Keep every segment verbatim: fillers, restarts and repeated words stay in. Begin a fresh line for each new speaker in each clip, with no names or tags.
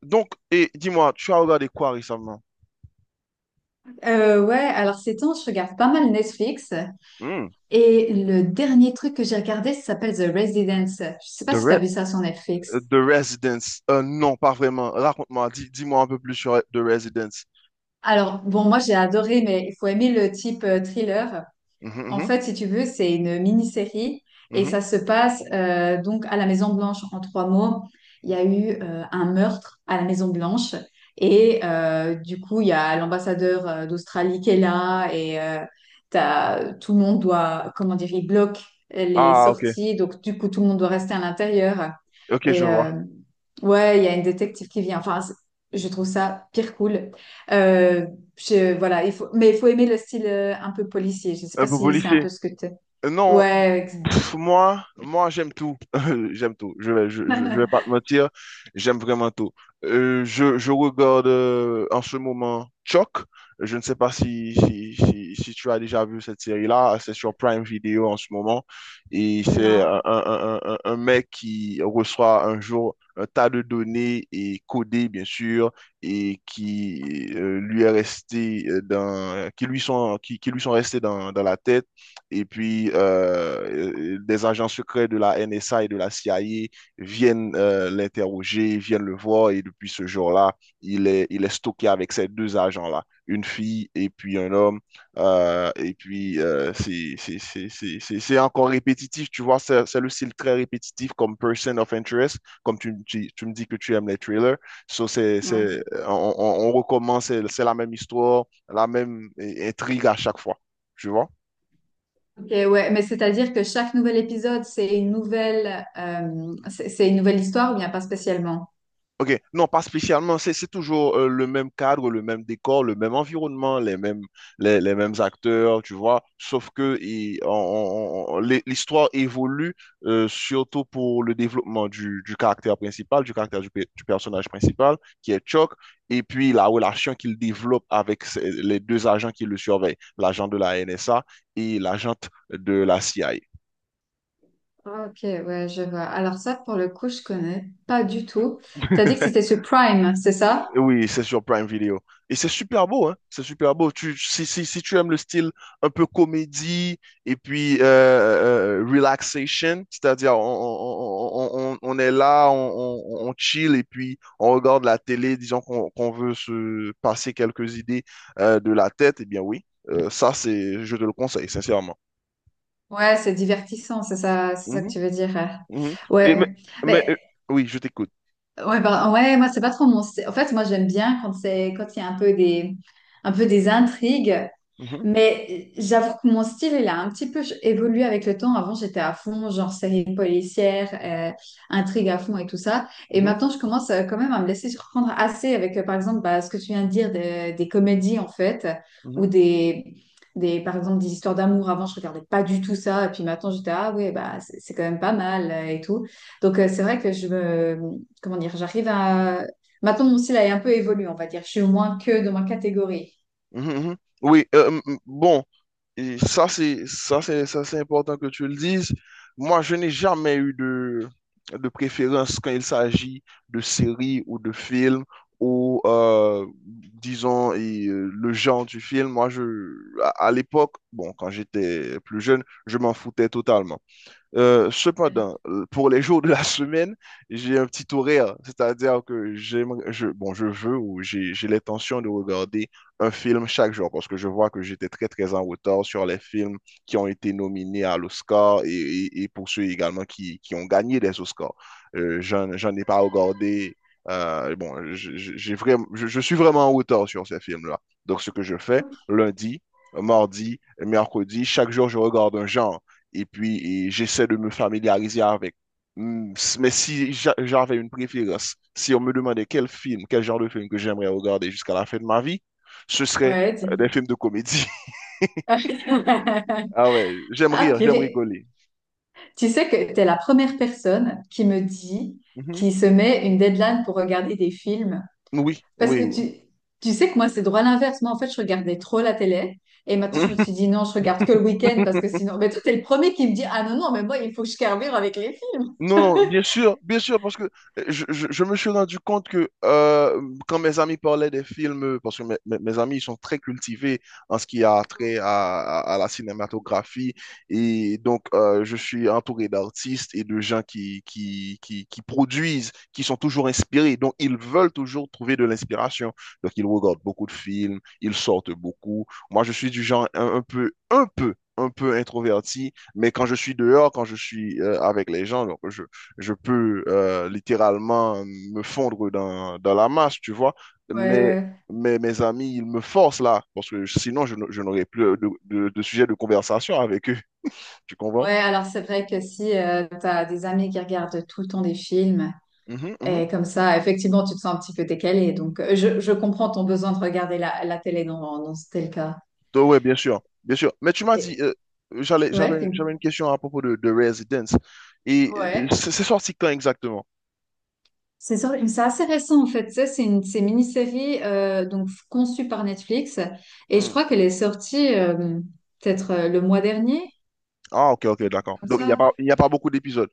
Donc, et dis-moi, tu as regardé quoi récemment?
Euh, ouais, alors ces temps, je regarde pas mal Netflix
Hmm.
et le dernier truc que j'ai regardé, ça s'appelle The Residence. Je sais pas
The,
si
Re-
t'as vu ça sur
euh,
Netflix.
The Residence. Euh, non, pas vraiment. Raconte-moi, dis, moi un peu plus sur The Residence.
Alors, bon, moi j'ai adoré, mais il faut aimer le type euh, thriller. En
Mhm,
fait, si tu veux, c'est une mini-série et
mhm, mhm.
ça se passe euh, donc à la Maison Blanche en trois mots. Il y a eu euh, un meurtre à la Maison Blanche et euh, du coup, il y a l'ambassadeur euh, d'Australie qui est là et euh, t'as- tout le monde doit, comment dire, il bloque les
Ah, ok.
sorties. Donc, du coup, tout le monde doit rester à l'intérieur.
Ok, je
Et
vois.
euh, ouais, il y a une détective qui vient. Enfin, c'est- je trouve ça pire cool. Euh, je, voilà, il faut, mais il faut aimer le style euh, un peu policier. Je sais
Un
pas
peu
si c'est un
policier.
peu ce que tu.
Euh, Non,
Ouais. ex-
pff, moi, moi j'aime tout. J'aime tout. Je vais, je, je- je vais pas te mentir. J'aime vraiment tout. Euh, je, je regarde euh, en ce moment Chuck. Je ne sais pas si, si, si, si tu as déjà vu cette série-là. C'est sur Prime Video en ce moment. Et c'est
Non.
un, un, un, un un mec qui reçoit un jour un tas de données et codées, bien sûr, et qui euh, lui est resté, euh, dans, qui lui sont, qui, qui lui sont restées dans, dans la tête. Et puis, euh, euh, des agents secrets de la N S A et de la C I A viennent euh, l'interroger, viennent le voir. Et depuis ce jour-là, il est, il est stocké avec ces deux agents-là, une fille et puis un homme. Euh, et puis, euh, c'est c'est- c'est- c'est- c'est- c'est encore répétitif, tu vois, c'est c'est le style très répétitif comme Person of Interest, comme tu, tu, tu me dis que tu aimes les trailers. So, c'est,
Ouais.
c'est, on, on on recommence, c'est c'est la même histoire, la même euh, intrigue à chaque fois, tu vois.
Ok, ouais. Mais c'est-à-dire que chaque nouvel épisode, c'est une nouvelle, euh, c'est c'est une nouvelle histoire ou bien pas spécialement?
OK, non, pas spécialement. C'est c'est toujours euh, le même cadre, le même décor, le même environnement, les mêmes, les, les mêmes acteurs, tu vois. Sauf que il- on- on- on- l'hi- l'histoire évolue, euh, surtout pour le développement du, du caractère principal, du caractère du, pe- du personnage principal, qui est Chuck, et puis la relation qu'il développe avec ses- les deux agents qui le surveillent, l'agent de la N S A et l'agente de la C I A.
Ok, ouais, je vois. Alors ça, pour le coup, je connais pas du tout. T'as dit que c'était sur Prime, c'est ça?
Oui, c'est sur Prime Video. Et c'est super beau, hein? C'est super beau. Tu, si, si, Si tu aimes le style un peu comédie et puis euh, euh, relaxation, c'est-à-dire on, on, on, on- on est là, on, on, on chill et puis on regarde la télé, disons qu'on qu'on veut se passer quelques idées euh, de la tête. Eh bien oui, euh, ça c'est, je te le conseille, sincèrement.
Ouais, c'est divertissant, c'est ça, c'est ça que
Mhm,
tu veux dire. euh.
mhm. Et mais,
Ouais,
mais, euh,
mais
oui, je t'écoute.
ouais, bah, ouais, moi c'est pas trop mon. sty- En fait, moi j'aime bien quand c'est quand il y a un peu des un peu des intrigues.
Mhm,
Mais j'avoue que mon style, il a un petit peu ch- évolué avec le temps. Avant, j'étais à fond, genre série policière, euh, intrigue à fond et tout ça. Et
mhm,
maintenant, je commence euh, quand même à me laisser surprendre assez avec, euh, par exemple, bah, ce que tu viens de dire des des comédies, en fait, ou
mhm,
des, des, par exemple, des histoires d'amour. Avant, je regardais pas du tout ça. Et puis maintenant, j'étais, ah ouais, bah, c'est c'est quand même pas mal euh, et tout. Donc, euh, c'est vrai que je me, comment dire, j'arrive à. Maintenant, mon style a un peu évolué, on va dire. Je suis moins que dans ma catégorie.
mhm, mhm. Oui, euh, m- m- bon. Et ça, c'est, ça, c'est, ça, c'est important que tu le dises. Moi, je n'ai jamais eu de, de préférence quand il s'agit de séries ou de films ou, euh, disons, et, euh, le genre du film. Moi, je, à à l'époque, bon, quand j'étais plus jeune, je m'en foutais totalement. Euh, cependant, euh, pour les jours de la semaine, j'ai un petit horaire, c'est-à-dire que j'aime, je, bon, je veux ou j'ai, j'ai l'intention de regarder un film chaque jour parce que je vois que j'étais très, très en retard sur les films qui ont été nominés à l'Oscar et, et- et pour ceux également qui, qui ont gagné des Oscars. Euh, j'en, j'en ai pas regardé. Euh, bon, je- je- j'ai vraiment, je, je suis vraiment en retard sur ces films-là. Donc, ce que je fais, lundi, mardi, mercredi, chaque jour, je regarde un genre et puis et j'essaie de me familiariser avec. Mm. Mais si j'avais une préférence, si on me demandait quel film, quel genre de film que j'aimerais regarder jusqu'à la fin de ma vie, ce serait
Ouais.
euh, des films de comédie. Ah ouais, j'aime
Ah,
rire, j'aime
purée.
rigoler.
Tu sais que t'es la première personne qui me dit,
Mhm.
qui se met une deadline pour regarder des films.
Oui,
Parce
oui,
que tu, tu sais que moi, c'est droit l'inverse. Moi, en fait, je regardais trop la télé. Et maintenant,
oui.
je me suis dit, non, je regarde que le week-end parce que sinon. Mais toi, t'es le premier qui me dit, ah non, non, mais moi, il faut que je carbure avec les films.
Non, non, bien sûr, bien sûr, parce que euh, je, je- je me suis rendu compte que euh, quand mes amis parlaient des films, euh, parce que mes, mes- mes amis, ils sont très cultivés en ce qui a trait à, à- à la cinématographie, et donc euh, je suis entouré d'artistes et de gens qui, qui, qui, qui produisent, qui sont toujours inspirés, donc ils veulent toujours trouver de l'inspiration. Donc ils regardent beaucoup de films, ils sortent beaucoup. Moi, je suis du genre un, un peu, un peu, un peu introverti, mais quand je suis dehors, quand je suis euh, avec les gens, donc je, je peux euh, littéralement me fondre dans, dans la masse, tu vois.
Ouais,
Mais,
ouais.
mais mes amis, ils me forcent là, parce que sinon, je, n- je n'aurais plus de, de, de sujet de conversation avec eux. Tu comprends?
Ouais, alors c'est vrai que si tu as des amis qui regardent tout le temps des films.
Mhm, mhm.
Et comme ça, effectivement, tu te sens un petit peu décalé. Donc, euh, je, je comprends ton besoin de regarder la, la télé. Non, non, non, c'était le cas.
Donc, ouais, bien sûr, bien sûr. Mais tu m'as dit,
Et,
euh, j'allais,
ouais, c'est
j'avais, j'avais
une-
une question à propos de, de Residence. Et euh,
ouais.
c'est c'est sorti quand exactement?
C'est sur- c'est assez récent, en fait. Ça, c'est une, c'est une mini-série euh, donc, conçue par Netflix. Et je
Hmm.
crois qu'elle est sortie euh, peut-être euh, le mois dernier,
Ah, ok, ok,
quelque
d'accord.
chose comme
Donc, il n'y a
ça.
pas, il n'y a pas beaucoup d'épisodes.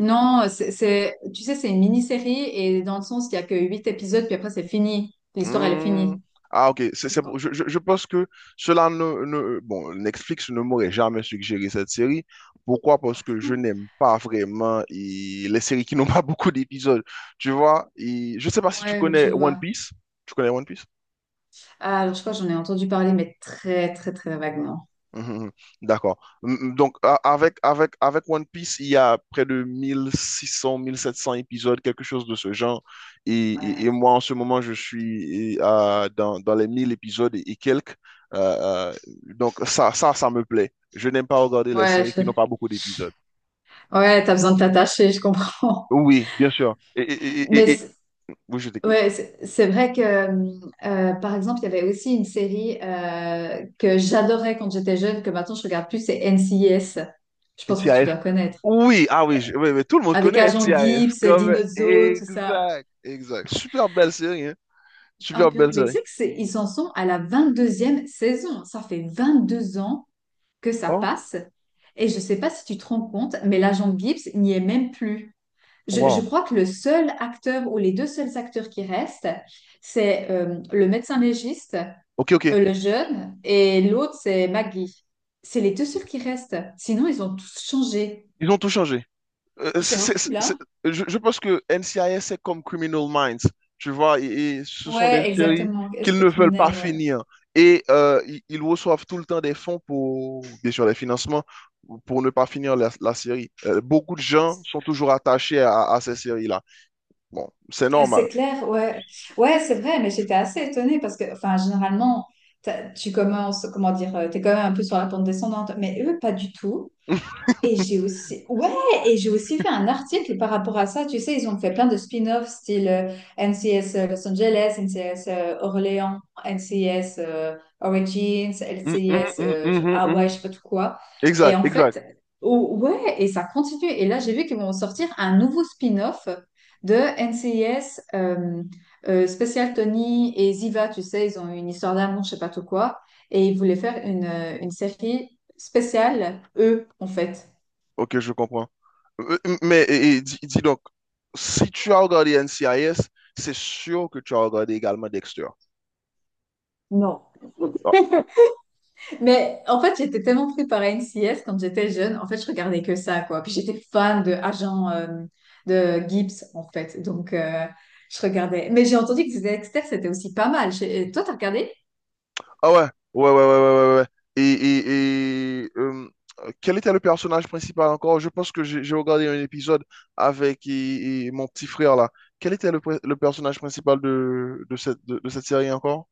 Non, c'est, c'est- tu sais, c'est une mini-série. Et dans le sens, il n'y a que huit épisodes, puis après, c'est fini. L'histoire, elle est
Hmm.
finie.
Ah, ok. C'est, c'est
Donc,
pour- je, je- Je pense que cela ne, ne- Bon, Netflix ne m'aurait jamais suggéré cette série. Pourquoi? Parce que je n'aime pas vraiment et les séries qui n'ont pas beaucoup d'épisodes. Tu vois? Et je sais pas
en-
si tu
ouais, je
connais One
vois.
Piece. Tu connais One Piece?
Ah, alors je crois que j'en ai entendu parler, mais très très très vaguement.
Mhm, mhm. D'accord. Mm, mm. Donc, a- avec, avec, avec One Piece, il y a près de mille, mille six cents, mille sept cents épisodes, quelque chose de ce genre. Et, et- et
Ouais,
moi, en ce moment, je suis et, euh, dans, dans les mille épisodes et, et quelques. Euh, euh, donc, ça, ça, ça me plaît. Je n'aime pas regarder les
ouais,
séries qui n'ont
je-
pas beaucoup d'épisodes.
ouais, t'as besoin de t'attacher, je comprends.
Oui, bien sûr. Et, et,
Mais
et, et- et-
c'est-
Oui, je t'écoute.
ouais, c'est c'est vrai que euh, euh, par exemple, il y avait aussi une série euh, que j'adorais quand j'étais jeune, que maintenant je regarde plus, c'est N C I S. Je pense que tu
N C I S.
dois connaître.
Oui, ah oui, je- oui, mais tout le monde
Avec
connaît
Agent
N C I S.
Gibbs,
Comme,
Dino Zo, tout ça.
exact, exact. Super belle série, hein.
Ah,
Super
purée.
belle
Mais tu sais
série.
que c'est- ils en sont à la vingt-deuxième saison. Ça fait vingt-deux ans que ça
Oh,
passe. Et je ne sais pas si tu te rends compte, mais l'agent Gibbs n'y est même plus. Je, je
wow.
crois que le seul acteur ou les deux seuls acteurs qui restent, c'est euh, le médecin légiste,
Ok, ok.
euh, le jeune, et l'autre, c'est Maggie. C'est les deux seuls qui restent. Sinon, ils ont tous changé.
Ils ont tout changé. Euh,
C'est
c'est- c'est-
horrible,
c'est-
hein?
je, je pense que N C I S, c'est comme Criminal Minds. Tu vois, et, et ce sont des
Ouais,
séries
exactement.
qu'ils ne
Esprit
veulent pas
criminel, ouais.
finir. Et euh, ils, ils reçoivent tout le temps des fonds pour, bien sûr, les financements pour ne pas finir la, la série. Euh, beaucoup de
Euh,
gens sont toujours attachés à, à ces séries-là. Bon, c'est normal.
C'est clair, ouais. Ouais, c'est vrai, mais j'étais assez étonnée parce que, enfin, généralement, t'as- tu commences, comment dire, tu es quand même un peu sur la pente descendante, mais eux, pas du tout. Et j'ai aussi, ouais, et j'ai aussi fait un article par rapport à ça. Tu sais, ils ont fait plein de spin-offs, style euh, N C S euh, Los Angeles, N C S euh, Orléans, N C S euh, Origins,
Mm, mm,
N C S
mm,
euh, je-
mhm,
Hawaii,
mhm.
je sais pas tout quoi. Et
Exact,
en
exact.
fait, oh, ouais, et ça continue. Et là, j'ai vu qu'ils vont sortir un nouveau spin-off de N C S euh, euh, Special Tony et Ziva. Tu sais, ils ont une histoire d'amour, je sais pas tout quoi. Et ils voulaient faire une, euh, une série spéciale, eux, en fait.
Ok, je comprends. Euh, euh, Mais et- et dis, dis donc, si tu as regardé N C I S, c'est sûr que tu as regardé également Dexter.
Non.
Ah,
Mais en fait, j'étais tellement prise par N C I S quand j'étais jeune. En fait, je regardais que ça, quoi. Puis j'étais fan de Agent euh, de Gibbs, en fait. Donc, euh, je regardais. Mais j'ai entendu que Dexter, c'était aussi pas mal. J'ai- euh, Toi, t'as regardé
ah ouais, ouais, ouais, ouais, ouais, ouais, ouais. Et, et, et, euh, Quel était le personnage principal encore? Je pense que j'ai j'ai regardé un épisode avec et- et mon petit frère là. Quel était le, pr- le personnage principal de, de cette, de, de cette série encore?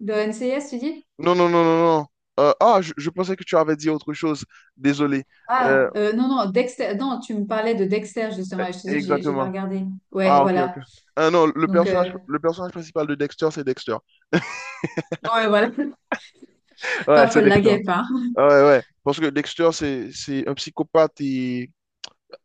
le N C I S, tu dis?
Non, non, non, non, non. Euh, ah, je, je pensais que tu avais dit autre chose. Désolé.
Ah,
Euh,
euh, non, non, Dexter. Non, tu me parlais de Dexter, justement. Et je te dis, j'ai j'ai pas
Exactement.
regardé. Ouais,
Ah, ok, ok.
voilà.
Ah non, le
Donc, euh,
personnage, le personnage principal de Dexter, c'est Dexter.
ouais, voilà.
Ouais,
Pas
c'est
folle la
Dexter.
guêpe, hein.
Ouais, ouais. Parce que Dexter, c'est, c'est un psychopathe et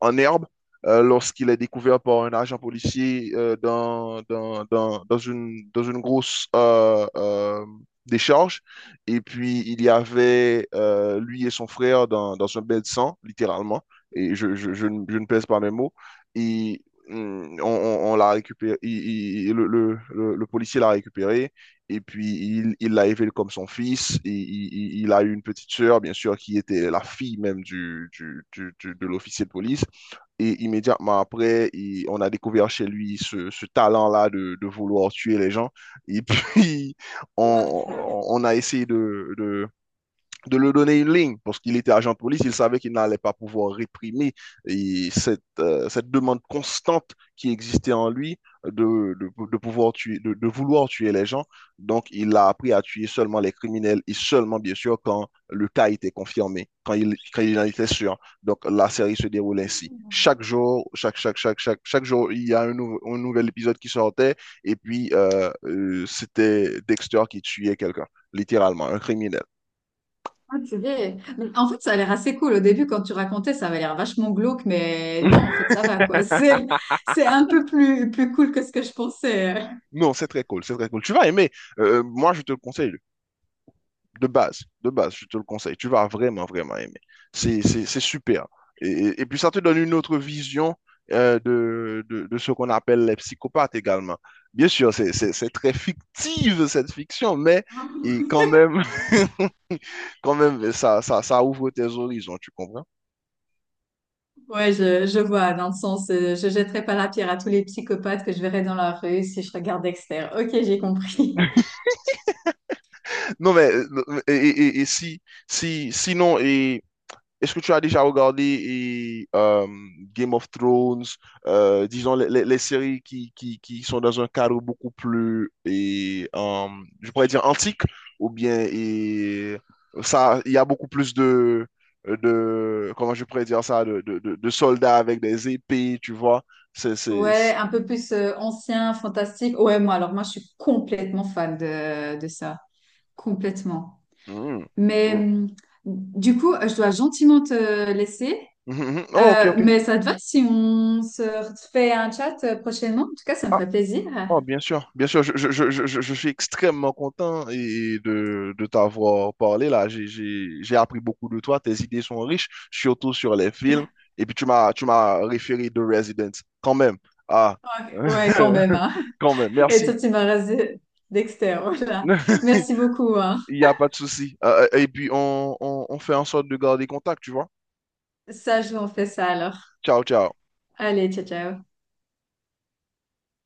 en herbe, euh, lorsqu'il est découvert par un agent policier, euh, dans, dans, dans, dans une, dans une grosse euh, euh, décharge. Et puis, il y avait euh, lui et son frère dans, dans un bain de sang, littéralement. Et je, je, je, ne je ne pèse pas mes mots. Et hum, on, on- on l'a récupéré. Il- il- il- le, le- le- le policier l'a récupéré. Et puis, il, il l'a élevé comme son fils. Et il, il- il a eu une petite sœur, bien sûr, qui était la fille même du, du, du- du- de l'officier de police. Et immédiatement après, il- on a découvert chez lui ce, ce talent-là de, de vouloir tuer les gens. Et puis, on, on a essayé de, de, de lui donner une ligne, parce qu'il était agent de police, il savait qu'il n'allait pas pouvoir réprimer et cette, euh, cette demande constante qui existait en lui de, de, de pouvoir tuer, de, de, vouloir tuer les gens. Donc, il a appris à tuer seulement les criminels et seulement, bien sûr, quand le cas était confirmé, quand il, quand il en était sûr. Donc, la série se déroule ainsi. Chaque jour, chaque, chaque, chaque, chaque, Chaque jour, il y a un, nou un nouvel épisode qui sortait, et puis euh, euh, c'était Dexter qui tuait quelqu'un, littéralement, un criminel.
Ah, purée. Mais en fait, ça a l'air assez cool. Au début, quand tu racontais, ça avait l'air vachement glauque, mais non, en fait, ça va, quoi. C'est, c'est un peu plus, plus cool que ce que je pensais.
Non, c'est très cool, c'est très cool. Tu vas aimer. Euh, euh, moi, je te le conseille, de base, de base, je te le conseille. Tu vas vraiment, vraiment aimer. C'est, c'est, c'est super. Et, et puis, ça te donne une autre vision euh, de, de, de ce qu'on appelle les psychopathes également. Bien sûr, c'est, c'est, c'est très fictive, cette fiction, mais
euh.
et quand même, quand même, ça, ça, ça ouvre tes horizons, tu comprends?
Ouais, je, je vois, dans le sens, euh, je jetterai pas la pierre à tous les psychopathes que je verrai dans la rue si je regarde Dexter. Ok, j'ai compris.
Non, mais euh, et, et- et si, si, sinon, est-ce que tu as déjà regardé et, euh, Game of Thrones, euh, disons les, les- les séries qui, qui, qui sont dans un cadre beaucoup plus, et, euh, je pourrais dire antique, ou bien et, ça, il y a beaucoup plus de, de comment je pourrais dire ça, de, de, de- de soldats avec des épées, tu vois. C'est, c'est,
Ouais,
c'est-
un peu plus euh, ancien, fantastique. Ouais, moi, alors moi, je suis complètement fan de, de ça. Complètement.
Hmm.
Mais
Hmm.
hum, du coup, euh, je dois gentiment te laisser.
Mhm, mhm. Oh, ok,
Euh,
ok. Ah,
mais ça te va si on se fait un chat euh, prochainement? En tout cas, ça me ferait plaisir.
Oh, bien sûr, bien sûr, je, je, je, je, je- suis extrêmement content et de, de t'avoir parlé là. J'ai, j'ai, j'ai appris beaucoup de toi, tes idées sont riches, surtout sur les films. Et puis tu m'as, tu m'as référé de Resident, quand même. Ah,
Ok, ouais, quand même, hein.
quand même,
Et toi,
merci.
tu m'as rasé Dexter, voilà. Merci beaucoup, hein.
Il n'y a pas de souci. Euh, et puis on, on, on fait en sorte de garder contact, tu vois.
Ça, je vous en fais ça alors.
Ciao, ciao.
Allez, ciao, ciao.